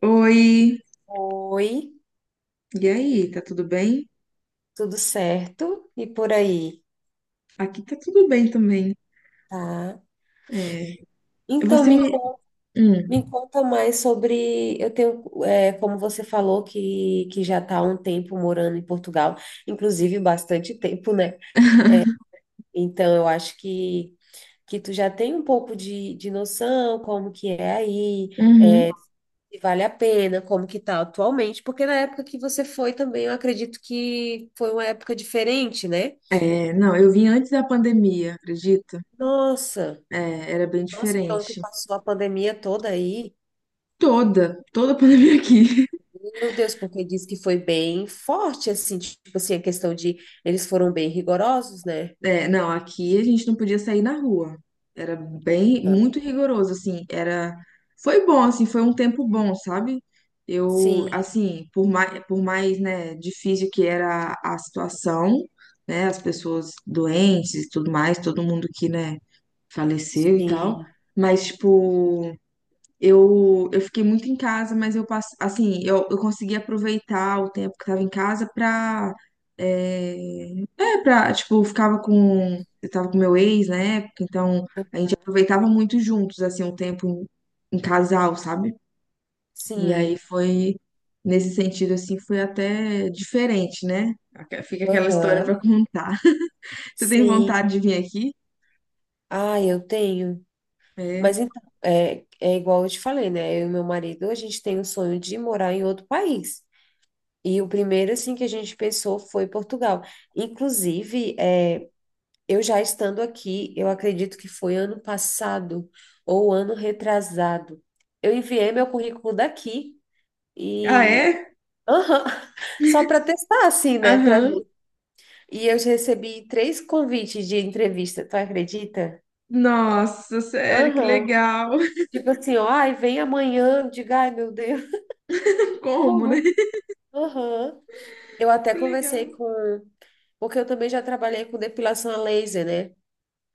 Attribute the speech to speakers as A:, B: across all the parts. A: Oi,
B: Oi,
A: e aí, tá tudo bem?
B: tudo certo? E por aí,
A: Aqui tá tudo bem também.
B: tá?
A: É,
B: Então,
A: você me.
B: me
A: Hum,
B: conta mais sobre. Eu tenho, como você falou, que já está há um tempo morando em Portugal, inclusive bastante tempo, né? Então, eu acho que tu já tem um pouco de noção como que é aí,
A: uhum.
B: se vale a pena, como que tá atualmente, porque na época que você foi também, eu acredito que foi uma época diferente, né?
A: É, não, eu vim antes da pandemia, acredita?
B: Nossa,
A: É, era bem
B: nossa, então tu
A: diferente.
B: passou a pandemia toda aí.
A: Toda, toda a pandemia aqui.
B: Meu Deus, porque diz que foi bem forte, assim, tipo assim, a questão de eles foram bem rigorosos, né?
A: É, não, aqui a gente não podia sair na rua. Era bem,
B: Aham.
A: muito rigoroso, assim, era, foi bom, assim, foi um tempo bom, sabe? Eu,
B: Sim,
A: assim, por mais, né, difícil que era a situação, né, as pessoas doentes e tudo mais, todo mundo que, né, faleceu e tal,
B: sim,
A: mas, tipo, eu fiquei muito em casa, mas eu passei, assim, eu consegui aproveitar o tempo que estava em casa pra, é, pra, tipo, eu ficava com, eu tava com meu ex na época, então a gente aproveitava muito juntos, assim, o tempo em casal, sabe? E aí
B: sim,
A: foi, nesse sentido, assim, foi até diferente, né? Fica aquela história pra
B: aham,
A: contar. Você tem
B: sim.
A: vontade de vir aqui?
B: Ah, eu tenho. Mas
A: É.
B: então, é igual eu te falei, né? Eu e meu marido, a gente tem o sonho de morar em outro país. E o primeiro, assim, que a gente pensou foi Portugal. Inclusive, é. Eu já estando aqui, eu acredito que foi ano passado ou ano retrasado. Eu enviei meu currículo daqui
A: Ah,
B: e.
A: é?
B: Aham. Só para testar assim, né, para
A: Aham.
B: ver. E eu já recebi três convites de entrevista, tu acredita?
A: Nossa, sério, que
B: Aham.
A: legal.
B: Tipo assim, ó, ai, vem amanhã. Eu digo, ai, meu Deus,
A: Como, né?
B: como? Aham. Eu até
A: Que legal.
B: conversei com, porque eu também já trabalhei com depilação a laser, né?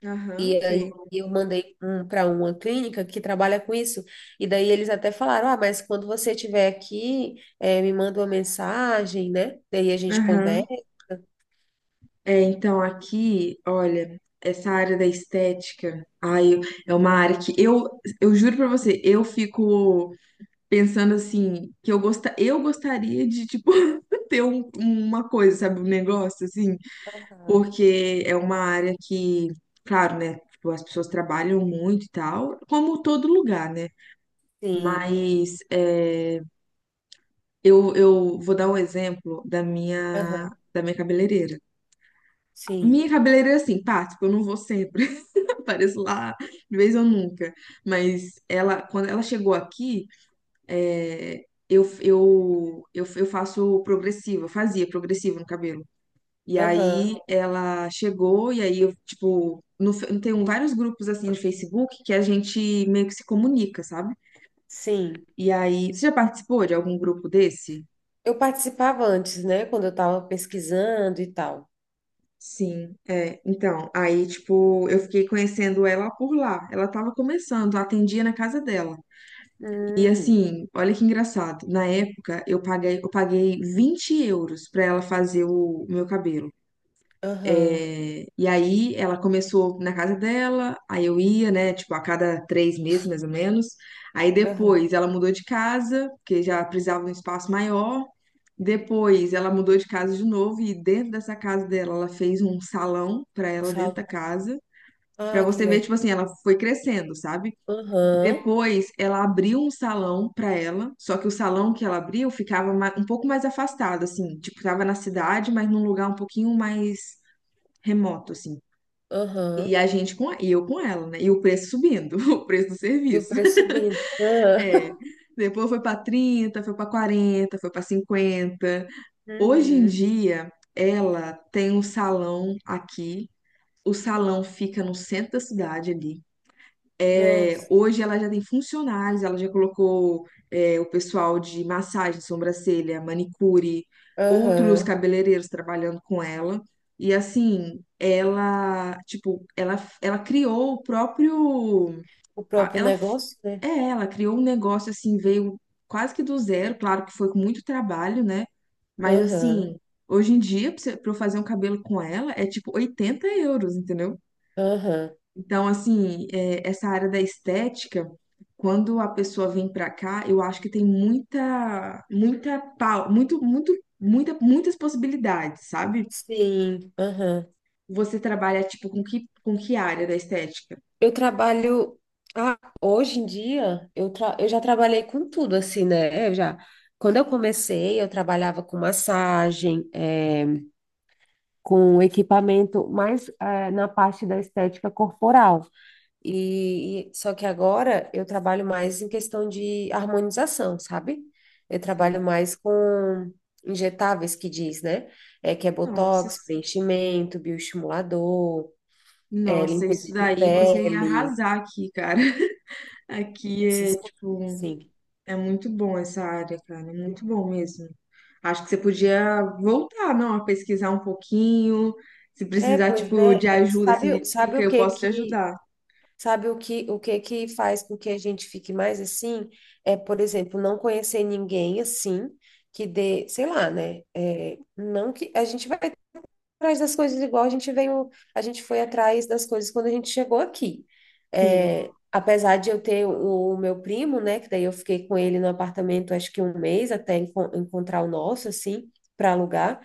A: Aham,
B: E aí
A: sei.
B: eu mandei um para uma clínica que trabalha com isso. E daí eles até falaram: ah, mas quando você estiver aqui, me manda uma mensagem, né? Daí a gente
A: Aham.
B: conversa.
A: É, então aqui, olha, essa área da estética, ai, é uma área que eu juro pra você, eu fico pensando assim, que eu gosta, eu gostaria de, tipo, ter uma coisa, sabe, um negócio assim,
B: Aham.
A: porque é uma área que, claro, né, tipo, as pessoas trabalham muito e tal, como todo lugar, né?
B: Sim,
A: Mas é, eu vou dar um exemplo
B: aham,
A: da minha cabeleireira.
B: sim,
A: Minha cabeleireira, é assim, pá, tipo, eu não vou sempre. Apareço lá, de vez ou nunca. Mas ela, quando ela chegou aqui, é, eu faço progressiva, fazia progressivo no cabelo. E
B: aham,
A: aí ela chegou, e aí eu, tipo, no, fe- tem vários grupos assim no Facebook que a gente meio que se comunica, sabe?
B: sim.
A: E aí, você já participou de algum grupo desse?
B: Eu participava antes, né? Quando eu estava pesquisando e tal.
A: Sim, é. Então, aí, tipo, eu fiquei conhecendo ela por lá. Ela tava começando, eu atendia na casa dela. E
B: Hum,
A: assim, olha que engraçado. Na época, eu paguei 20 euros pra ela fazer o meu cabelo.
B: aham,
A: É, e aí, ela começou na casa dela, aí eu ia, né, tipo, a cada três meses, mais ou menos. Aí
B: aham.
A: depois, ela mudou de casa, porque já precisava de um espaço maior. Depois, ela mudou de casa de novo e dentro dessa casa dela, ela fez um salão pra ela dentro da
B: Fala.
A: casa. Pra
B: Ah, que
A: você ver,
B: legal.
A: tipo assim, ela foi crescendo, sabe?
B: Aham,
A: Depois, ela abriu um salão para ela, só que o salão que ela abriu ficava um pouco mais afastado, assim, tipo, tava na cidade, mas num lugar um pouquinho mais remoto, assim.
B: aham.
A: E eu com ela, né? E o preço subindo, o preço do
B: E o
A: serviço.
B: preço subindo.
A: É.
B: Aham.
A: Depois foi para 30, foi para 40, foi para 50. Hoje em
B: Uhum.
A: dia, ela tem um salão aqui. O salão fica no centro da cidade ali. É,
B: Nossa.
A: hoje ela já tem funcionários, ela já colocou é, o pessoal de massagem, sobrancelha, manicure, outros
B: Aham.
A: cabeleireiros trabalhando com ela. E assim, ela criou o próprio,
B: O
A: a-
B: próprio
A: ela, f-
B: negócio, né?
A: é, ela criou um negócio assim, veio quase que do zero, claro que foi com muito trabalho, né? Mas
B: Aham,
A: assim, hoje em dia, pra eu fazer um cabelo com ela, é tipo 80 euros, entendeu?
B: aham.
A: Então, assim, é, essa área da estética, quando a pessoa vem pra cá, eu acho que tem muitas possibilidades, sabe?
B: Sim, aham.
A: Você trabalha, tipo, com que área da estética?
B: Eu trabalho. Ah, hoje em dia, eu já trabalhei com tudo, assim, né? Quando eu comecei, eu trabalhava com massagem, é com equipamento, mais na parte da estética corporal. Só que agora eu trabalho mais em questão de harmonização, sabe? Eu trabalho
A: Sim.
B: mais com injetáveis que diz, né? É que é
A: Nossa,
B: botox, preenchimento, bioestimulador,
A: nossa,
B: limpeza
A: isso
B: de
A: daí você ia
B: pele,
A: arrasar aqui, cara. Aqui
B: essas
A: é,
B: coisas
A: tipo,
B: assim.
A: é muito bom essa área, cara, é muito bom mesmo. Acho que você podia voltar, não, a pesquisar um pouquinho. Se
B: É,
A: precisar,
B: pois
A: tipo, de
B: é.
A: ajuda, assim,
B: Sabe,
A: de dica, eu posso te ajudar.
B: o que que faz com que a gente fique mais assim? É, por exemplo, não conhecer ninguém assim que dê, sei lá, né? É, não que a gente vai atrás das coisas igual a gente veio, a gente foi atrás das coisas quando a gente chegou aqui.
A: Sim,
B: É, apesar de eu ter o meu primo, né, que daí eu fiquei com ele no apartamento acho que um mês até encontrar o nosso, assim, para alugar.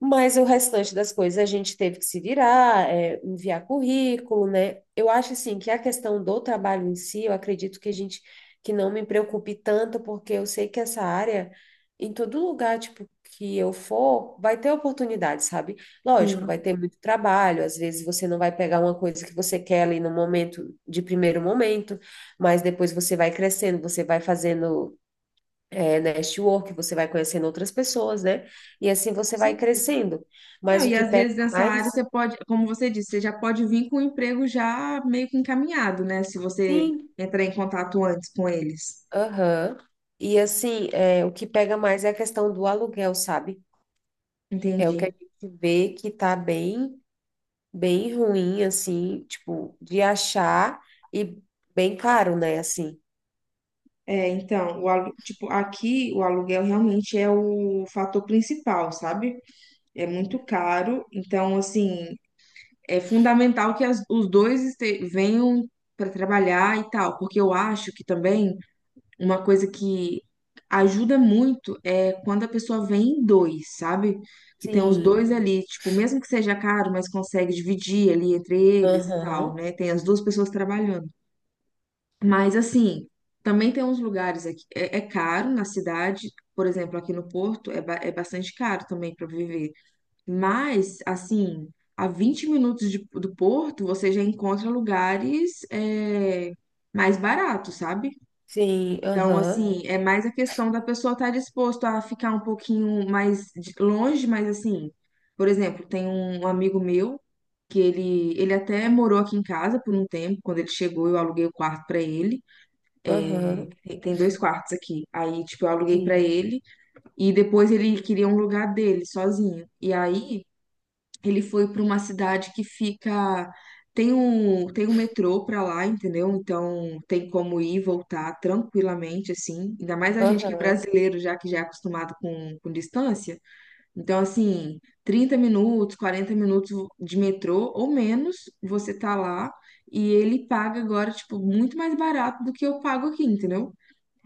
B: Mas o restante das coisas a gente teve que se virar, enviar currículo, né? Eu acho assim que a questão do trabalho em si, eu acredito que a gente que não me preocupe tanto, porque eu sei que essa área, em todo lugar, tipo, que eu for, vai ter oportunidade, sabe?
A: sim,
B: Lógico, vai ter muito trabalho, às vezes você não vai pegar uma coisa que você quer ali no momento, de primeiro momento, mas depois você vai crescendo, você vai fazendo network, você vai conhecendo outras pessoas, né? E assim
A: com
B: você vai
A: certeza.
B: crescendo.
A: Não,
B: Mas o
A: e
B: que
A: às
B: pega
A: vezes nessa área
B: mais,
A: você pode, como você disse, você já pode vir com o emprego já meio que encaminhado, né? Se você
B: sim,
A: entrar em contato antes com eles.
B: aham. E assim, o que pega mais é a questão do aluguel, sabe? É o que
A: Entendi.
B: a gente vê que tá bem, bem ruim, assim, tipo, de achar e bem caro, né? Assim.
A: É, então, tipo, aqui o aluguel realmente é o fator principal, sabe? É muito caro, então assim, é fundamental que os dois venham para trabalhar e tal, porque eu acho que também uma coisa que ajuda muito é quando a pessoa vem em dois, sabe? Que tem os
B: Sim,
A: dois ali, tipo, mesmo que seja caro, mas consegue dividir ali entre eles e
B: aham,
A: tal, né? Tem as duas pessoas trabalhando. Mas assim, também tem uns lugares aqui, é caro na cidade, por exemplo, aqui no Porto é, é bastante caro também para viver. Mas, assim, a 20 minutos do Porto, você já encontra lugares é, mais baratos, sabe?
B: sim,
A: Então,
B: aham,
A: assim, é mais a questão da pessoa estar disposta a ficar um pouquinho mais longe, mas assim, por exemplo, tem um amigo meu que ele até morou aqui em casa por um tempo. Quando ele chegou, eu aluguei o quarto pra ele.
B: aham,
A: Tem dois quartos aqui. Aí, tipo, eu aluguei pra
B: sim,
A: ele. E depois ele queria um lugar dele, sozinho. E aí, ele foi para uma cidade que fica. Tem um metrô para lá, entendeu? Então tem como ir e voltar tranquilamente, assim. Ainda mais a gente que é
B: aham,
A: brasileiro, já que já é acostumado com distância. Então, assim, 30 minutos, 40 minutos de metrô ou menos, você tá lá. E ele paga agora, tipo, muito mais barato do que eu pago aqui, entendeu?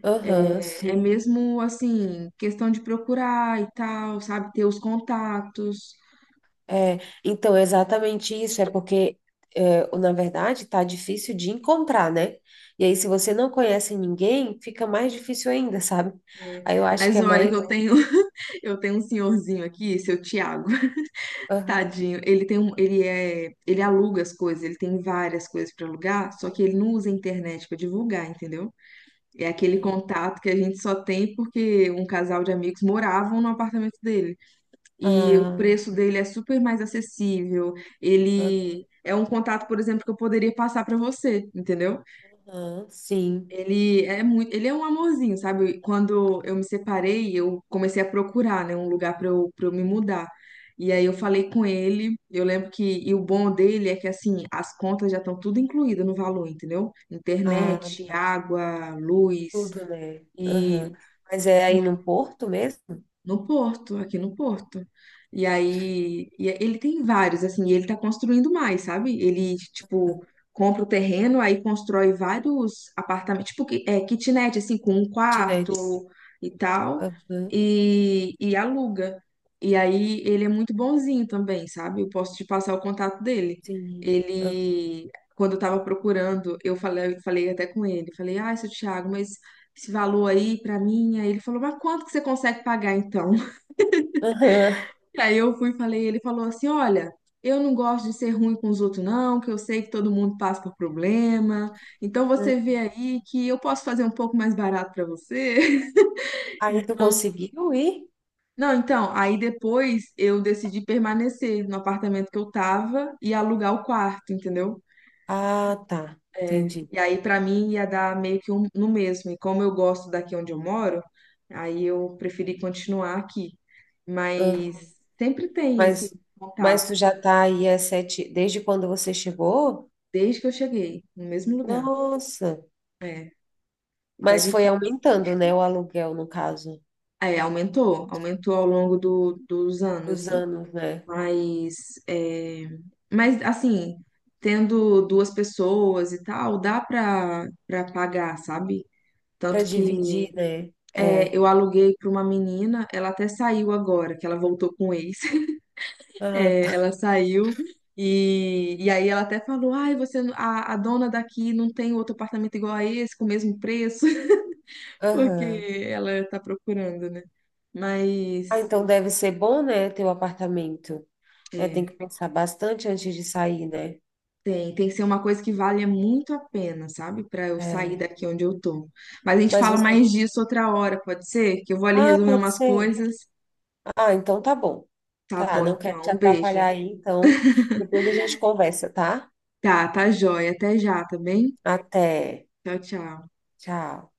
B: aham,
A: É
B: sim.
A: mesmo assim, questão de procurar e tal, sabe? Ter os contatos.
B: É, então, é exatamente isso, é porque, na verdade, tá difícil de encontrar, né? E aí, se você não conhece ninguém, fica mais difícil ainda, sabe? Aí eu acho que
A: Mas
B: é
A: olha
B: mais.
A: que eu tenho eu tenho um senhorzinho aqui, seu Tiago,
B: Aham,
A: tadinho. Ele é, ele aluga as coisas, ele tem várias coisas para alugar, só que ele não usa a internet para divulgar, entendeu? É aquele contato que a gente só tem porque um casal de amigos moravam no apartamento dele. E o preço
B: ah,
A: dele é super mais acessível. Ele é um contato, por exemplo, que eu poderia passar para você, entendeu?
B: aham, sim,
A: Ele é muito, ele é um amorzinho, sabe? Quando eu me separei, eu comecei a procurar, né, um lugar para eu me mudar. E aí eu falei com ele, eu lembro que, e o bom dele é que assim, as contas já estão tudo incluídas no valor, entendeu?
B: ah,
A: Internet, água, luz
B: tudo, né? Aham.
A: e
B: Mas é aí no Porto mesmo?
A: no Porto, aqui no Porto. E aí, e é, ele tem vários, assim, e ele tá construindo mais, sabe? Ele, tipo, compra o terreno, aí constrói vários apartamentos, tipo, kitnet, assim, com um quarto
B: Kitnet.
A: e tal,
B: Aham,
A: e aluga. E aí, ele é muito bonzinho também, sabe? Eu posso te passar o contato dele.
B: sim. Ah,
A: Ele, quando eu tava procurando, eu falei até com ele, falei, ah, seu Thiago, mas esse valor aí pra mim. Aí ele falou, mas quanto que você consegue pagar então?
B: aham.
A: Aí eu fui e falei, ele falou assim, olha, eu não gosto de ser ruim com os outros não, que eu sei que todo mundo passa por problema. Então você
B: Hum.
A: vê aí que eu posso fazer um pouco mais barato pra você.
B: Aí tu conseguiu ir?
A: Não, então, aí depois eu decidi permanecer no apartamento que eu tava e alugar o quarto, entendeu?
B: Ah, tá, entendi.
A: E aí, pra mim, ia dar meio que um, no mesmo. E como eu gosto daqui onde eu moro, aí eu preferi continuar aqui. Mas sempre tem, assim,
B: Mas, mas
A: contato,
B: tu já tá aí há sete, desde quando você chegou?
A: desde que eu cheguei, no mesmo lugar.
B: Nossa,
A: É, e tá
B: mas foi
A: difícil.
B: aumentando, né, o aluguel, no caso,
A: É, aumentou, aumentou ao longo do, dos anos,
B: dos
A: assim.
B: anos, né?
A: Mas, é, mas, assim, tendo duas pessoas e tal, dá pra, pra pagar, sabe?
B: Para
A: Tanto que
B: dividir, né?
A: é,
B: É.
A: eu aluguei para uma menina, ela até saiu agora, que ela voltou com o ex.
B: Ah,
A: É, ela
B: tá.
A: saiu e aí ela até falou: Ai, você, a dona daqui não tem outro apartamento igual a esse, com o mesmo preço, porque
B: Aham.
A: ela tá procurando, né?
B: Ah,
A: Mas
B: então deve ser bom, né, teu apartamento. É, tem
A: é,
B: que pensar bastante antes de sair, né?
A: tem que ser uma coisa que valha muito a pena, sabe? Para eu sair
B: É.
A: daqui onde eu tô. Mas a gente
B: Mas
A: fala mais
B: você.
A: disso outra hora, pode ser? Que eu vou ali
B: Ah,
A: resolver
B: pode
A: umas
B: ser.
A: coisas.
B: Ah, então tá bom.
A: Tá
B: Tá,
A: bom,
B: não quero
A: então,
B: te
A: um beijo.
B: atrapalhar aí, então depois a gente conversa, tá?
A: Tá, tá jóia. Até já, tá bem?
B: Até.
A: Tchau, tchau.
B: Tchau.